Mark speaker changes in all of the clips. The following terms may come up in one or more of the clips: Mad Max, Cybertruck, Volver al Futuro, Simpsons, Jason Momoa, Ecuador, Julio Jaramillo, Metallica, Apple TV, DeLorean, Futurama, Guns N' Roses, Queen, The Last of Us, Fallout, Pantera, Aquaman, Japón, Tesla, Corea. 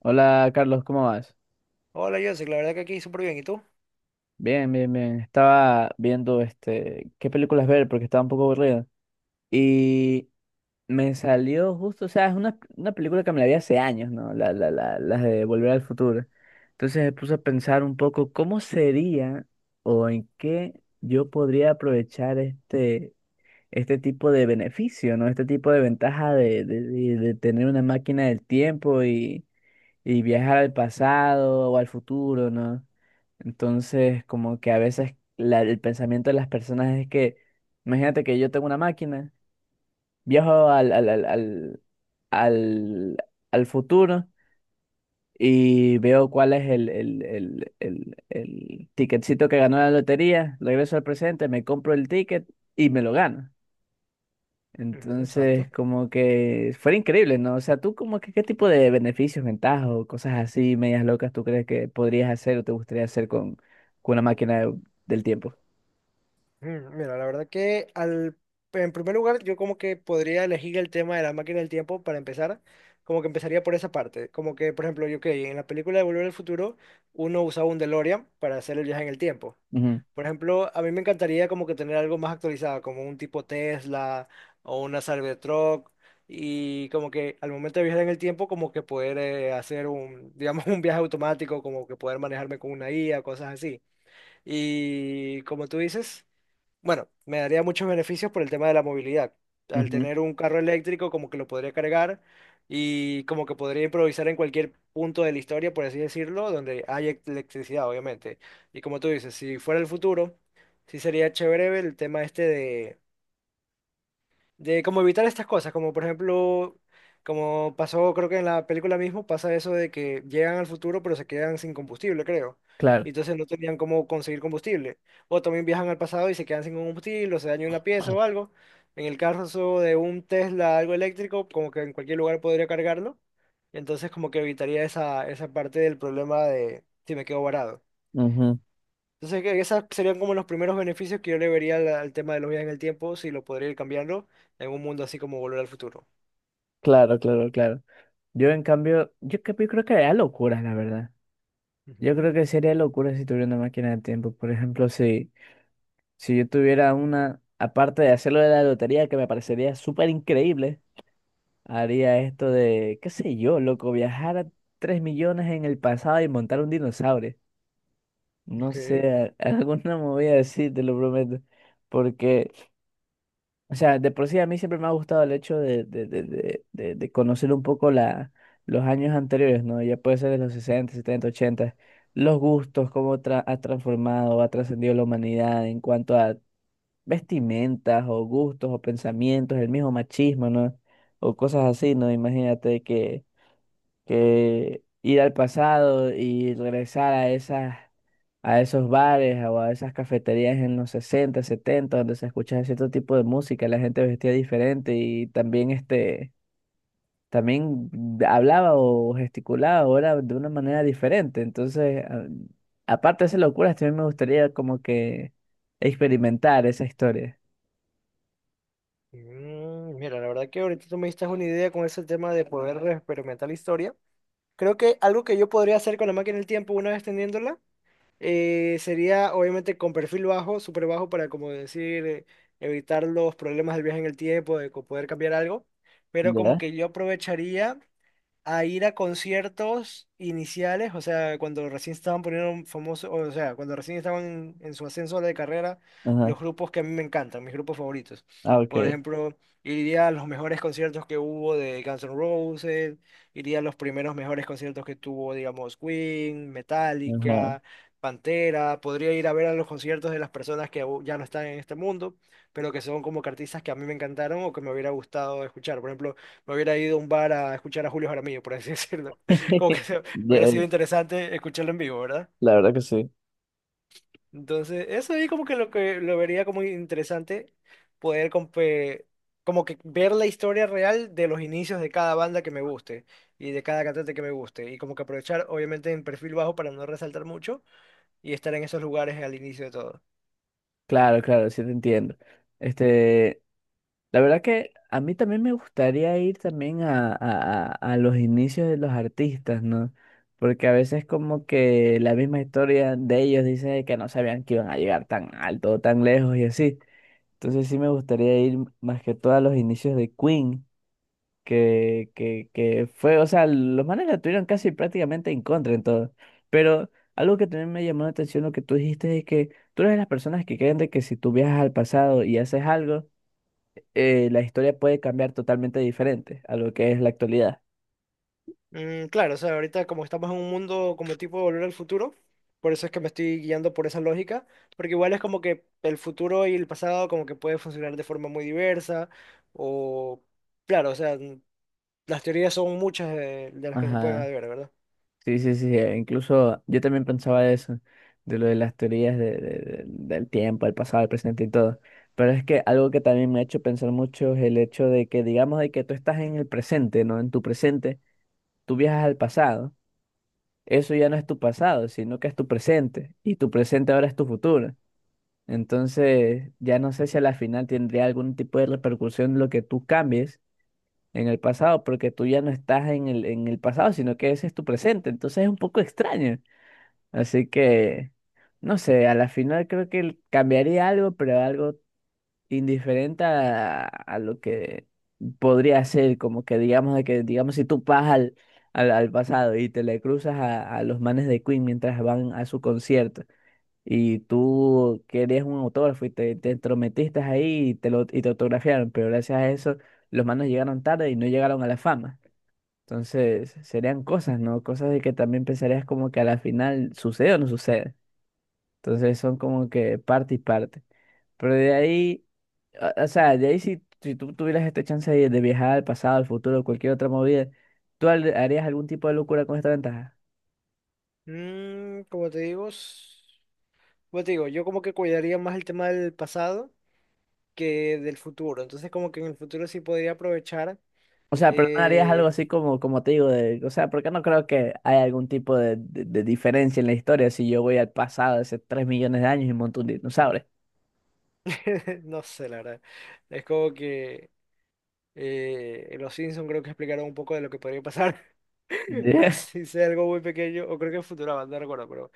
Speaker 1: Hola, Carlos, ¿cómo vas?
Speaker 2: Hola, Joseph, la verdad que aquí súper bien, ¿y tú?
Speaker 1: Bien, bien, bien. Estaba viendo qué películas ver porque estaba un poco aburrido. Y me salió justo, o sea, es una película que me la vi hace años, ¿no? Las de Volver al Futuro. Entonces me puse a pensar un poco cómo sería o en qué yo podría aprovechar este tipo de beneficio, ¿no? Este tipo de ventaja de tener una máquina del tiempo y viajar al pasado o al futuro, ¿no? Entonces, como que a veces el pensamiento de las personas es que, imagínate que yo tengo una máquina, viajo al, al futuro y veo cuál es el ticketcito que ganó la lotería, regreso al presente, me compro el ticket y me lo gano.
Speaker 2: Ujú, exacto.
Speaker 1: Entonces, como que fuera increíble, ¿no? O sea, tú como que qué tipo de beneficios, ventajas o cosas así, medias locas, tú crees que podrías hacer o te gustaría hacer con una máquina del tiempo.
Speaker 2: Mira, la verdad en primer lugar yo como que podría elegir el tema de la máquina del tiempo para empezar, como que empezaría por esa parte, como que por ejemplo yo que en la película de Volver al Futuro uno usaba un DeLorean para hacer el viaje en el tiempo.
Speaker 1: Ujú,
Speaker 2: Por ejemplo, a mí me encantaría como que tener algo más actualizado, como un tipo Tesla o una Cybertruck y como que al momento de viajar en el tiempo como que poder hacer un, digamos, un viaje automático, como que poder manejarme con una IA, cosas así. Y como tú dices, bueno, me daría muchos beneficios por el tema de la movilidad. Al
Speaker 1: ujú,
Speaker 2: tener un carro eléctrico, como que lo podría cargar y como que podría improvisar en cualquier punto de la historia, por así decirlo, donde hay electricidad, obviamente. Y como tú dices, si fuera el futuro, sí sería chévere el tema este de cómo evitar estas cosas, como por ejemplo, como pasó, creo que en la película mismo pasa eso de que llegan al futuro pero se quedan sin combustible, creo. Y
Speaker 1: claro.
Speaker 2: entonces no tenían cómo conseguir combustible. O también viajan al pasado y se quedan sin combustible, o se daña una pieza o algo. En el caso de un Tesla, algo eléctrico, como que en cualquier lugar podría cargarlo. Entonces como que evitaría esa parte del problema de si me quedo varado.
Speaker 1: Ujú,
Speaker 2: Entonces, que esos serían como los primeros beneficios que yo le vería al tema de los viajes en el tiempo, si lo podría ir cambiando en un mundo así como Volver al Futuro.
Speaker 1: claro, claro, claro. Yo en cambio, yo, yo creo que haría locuras, la verdad. Yo
Speaker 2: Ujú.
Speaker 1: creo que sería locura si tuviera una máquina del tiempo. Por ejemplo, si yo tuviera una, aparte de hacerlo de la lotería, que me parecería súper increíble. Haría esto de, qué sé yo, loco, viajar a 3 millones en el pasado y montar un dinosaurio. No
Speaker 2: Ok.
Speaker 1: sé, alguna movida así, te lo prometo. Porque, o sea, de por sí a mí siempre me ha gustado el hecho de conocer un poco los años anteriores, ¿no? Ya puede ser de los 60, 70, 80 Los gustos, cómo ha transformado, ha trascendido la humanidad en cuanto a vestimentas o gustos o pensamientos, el mismo machismo, ¿no? O cosas así, ¿no? Imagínate que ir al pasado y regresar a a esos bares o a esas cafeterías en los sesenta, setenta, donde se escuchaba cierto tipo de música, la gente vestía diferente y también hablaba o gesticulaba ahora de una manera diferente. Entonces, aparte de esas locuras, también me gustaría como que experimentar esa historia.
Speaker 2: Mm, mira, la verdad que ahorita tú me diste una idea con ese tema de poder experimentar la historia. Creo que algo que yo podría hacer con la máquina del tiempo una vez teniéndola sería, obviamente, con perfil bajo, súper bajo, para, como decir, evitar los problemas del viaje en el tiempo, de poder cambiar algo. Pero como
Speaker 1: ¿Ya?
Speaker 2: que yo aprovecharía a ir a conciertos iniciales, o sea, cuando recién estaban poniendo famosos, o sea, cuando recién estaban en su ascenso de carrera,
Speaker 1: Ajá.
Speaker 2: los grupos que a mí me encantan, mis grupos favoritos.
Speaker 1: Ah,
Speaker 2: Por
Speaker 1: ok.
Speaker 2: ejemplo, iría a los mejores conciertos que hubo de Guns N' Roses, iría a los primeros mejores conciertos que tuvo, digamos, Queen,
Speaker 1: Ajá.
Speaker 2: Metallica, Pantera, podría ir a ver a los conciertos de las personas que aún ya no están en este mundo, pero que son como que artistas que a mí me encantaron o que me hubiera gustado escuchar. Por ejemplo, me hubiera ido a un bar a escuchar a Julio Jaramillo, por así decirlo. Como que se- Hubiera
Speaker 1: Ya,
Speaker 2: sido interesante escucharlo en vivo, ¿verdad?
Speaker 1: la verdad que sí.
Speaker 2: Entonces, eso ahí como que lo vería como interesante poder como que ver la historia real de los inicios de cada banda que me guste y de cada cantante que me guste y como que aprovechar obviamente en perfil bajo para no resaltar mucho y estar en esos lugares al inicio de todo.
Speaker 1: Claro, claro, sí te entiendo. Este, la verdad que a mí también me gustaría ir también a los inicios de los artistas, ¿no? Porque a veces como que la misma historia de ellos dice que no sabían que iban a llegar tan alto o tan lejos y así. Entonces sí me gustaría ir más que todo a los inicios de Queen que fue, o sea, los manes la tuvieron casi prácticamente en contra en todo. Pero algo que también me llamó la atención, lo que tú dijiste es que tú eres de las personas que creen de que si tú viajas al pasado y haces algo, la historia puede cambiar totalmente diferente a lo que es la actualidad.
Speaker 2: Mm, claro, o sea, ahorita como estamos en un mundo como tipo de Volver al Futuro, por eso es que me estoy guiando por esa lógica, porque igual es como que el futuro y el pasado como que puede funcionar de forma muy diversa, o claro, o sea, las teorías son muchas de las que se pueden
Speaker 1: Ajá,
Speaker 2: haber, ¿verdad?
Speaker 1: sí, sí, sí, incluso yo también pensaba de eso, de lo de las teorías del tiempo, el pasado, el presente y todo. Pero es que algo que también me ha hecho pensar mucho es el hecho de que, digamos, de que tú estás en el presente, ¿no? En tu presente. Tú viajas al pasado, eso ya no es tu pasado, sino que es tu presente, y tu presente ahora es tu futuro. Entonces, ya no sé si a la final tendría algún tipo de repercusión lo que tú cambies en el pasado, porque tú ya no estás en en el pasado, sino que ese es tu presente. Entonces es un poco extraño. Así que, no sé, a la final creo que cambiaría algo, pero algo indiferente a lo que podría ser, como que digamos de que, digamos, si tú vas al pasado y te le cruzas a los manes de Queen mientras van a su concierto y tú querías un autógrafo y te entrometiste ahí y te lo y te autografiaron, pero gracias a eso los manes llegaron tarde y no llegaron a la fama. Entonces, serían cosas, ¿no? Cosas de que también pensarías como que a la final sucede o no sucede. Entonces son como que parte y parte. Pero de ahí, o sea, de ahí, si tú tuvieras esta chance de viajar al pasado, al futuro, cualquier otra movida, ¿tú harías algún tipo de locura con esta ventaja?
Speaker 2: Mm, como te digo, como te digo, yo como que cuidaría más el tema del pasado que del futuro, entonces como que en el futuro sí podría aprovechar,
Speaker 1: O sea, pero no harías algo
Speaker 2: eh,
Speaker 1: así como, como te digo, de, o sea, porque no creo que haya algún tipo de diferencia en la historia si yo voy al pasado hace 3 millones de años y monto un dinosaurio.
Speaker 2: no sé, la verdad, es como que... En los Simpsons creo que explicaron un poco de lo que podría pasar,
Speaker 1: Ya.
Speaker 2: así sea algo muy pequeño, o creo que en Futurama, no recuerdo, pero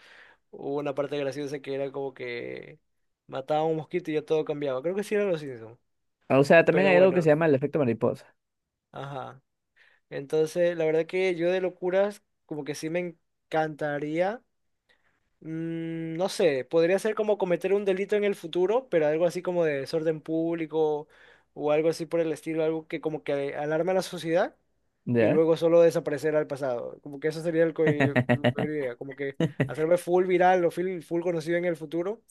Speaker 2: hubo una parte graciosa que era como que mataba a un mosquito y ya todo cambiaba. Creo que sí eran los Simpsons,
Speaker 1: O sea, también
Speaker 2: pero
Speaker 1: hay algo que se
Speaker 2: bueno,
Speaker 1: llama el efecto mariposa.
Speaker 2: ajá. Entonces, la verdad que yo de locuras, como que sí me encantaría. Mm, no sé, podría ser como cometer un delito en el futuro, pero algo así como de desorden público o algo así por el estilo, algo que como que alarma a la sociedad y
Speaker 1: ¿Ya?
Speaker 2: luego solo desaparecer al pasado. Como que eso sería la idea, como que hacerme full viral o full conocido en el futuro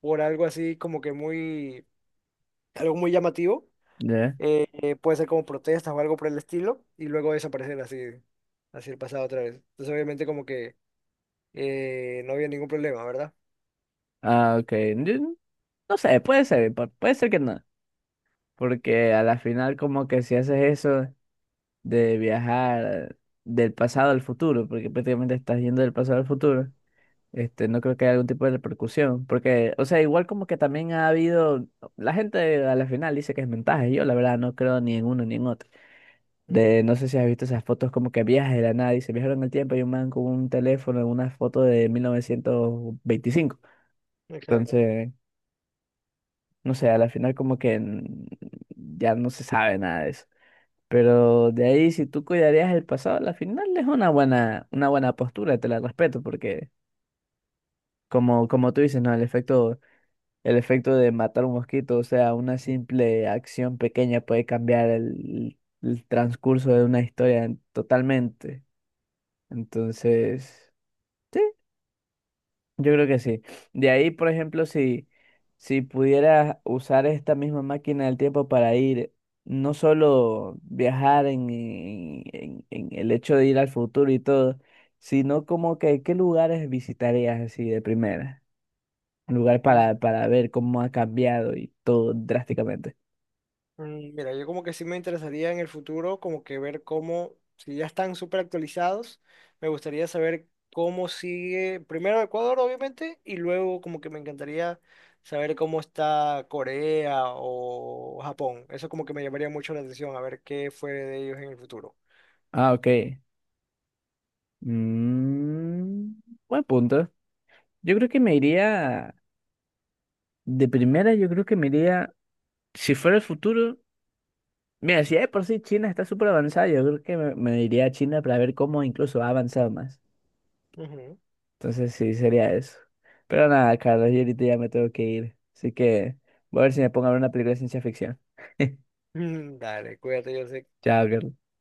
Speaker 2: por algo así como que muy, algo muy llamativo.
Speaker 1: ¿Ya?
Speaker 2: Puede ser como protestas o algo por el estilo y luego desaparecer así, así el pasado otra vez. Entonces obviamente como que no había ningún problema, ¿verdad?
Speaker 1: Ah, ok. Yo no sé, puede ser, puede ser que no. Porque a la final como que si haces eso de viajar del pasado al futuro, porque prácticamente estás yendo del pasado al futuro, no creo que haya algún tipo de repercusión. Porque, o sea, igual como que también ha habido, la gente a la final dice que es mensaje, yo la verdad no creo ni en uno ni en otro.
Speaker 2: Ujú.
Speaker 1: De, no sé si has visto esas fotos como que viajes de la nada y se viajaron en el tiempo y un man con un teléfono en una foto de 1925.
Speaker 2: Exacto.
Speaker 1: Entonces, no sé, a la final como que ya no se sabe nada de eso. Pero de ahí, si tú cuidarías el pasado, la final es una buena postura, te la respeto, porque como, como tú dices, ¿no? El efecto de matar un mosquito, o sea, una simple acción pequeña puede cambiar el transcurso de una historia totalmente. Entonces, yo creo que sí. De ahí, por ejemplo, si pudieras usar esta misma máquina del tiempo para ir, no solo viajar en el hecho de ir al futuro y todo, sino como que qué lugares visitarías así de primera. Un lugar
Speaker 2: Mm,
Speaker 1: para ver cómo ha cambiado y todo drásticamente.
Speaker 2: Mira, yo como que sí me interesaría en el futuro, como que ver cómo, si ya están súper actualizados, me gustaría saber cómo sigue, primero Ecuador, obviamente, y luego como que me encantaría saber cómo está Corea o Japón. Eso como que me llamaría mucho la atención, a ver qué fue de ellos en el futuro.
Speaker 1: Ah, ok. Mm, buen punto. Yo creo que me iría, de primera, yo creo que me iría, si fuera el futuro. Mira, si de por sí China está súper avanzada, yo creo que me iría a China para ver cómo incluso ha avanzado más.
Speaker 2: Ujú.
Speaker 1: Entonces sí, sería eso. Pero nada, Carlos, yo ahorita ya me tengo que ir. Así que voy a ver si me pongo a ver una película de ciencia ficción.
Speaker 2: Mm, dale, cuídate, yo sé
Speaker 1: Chao, Carlos.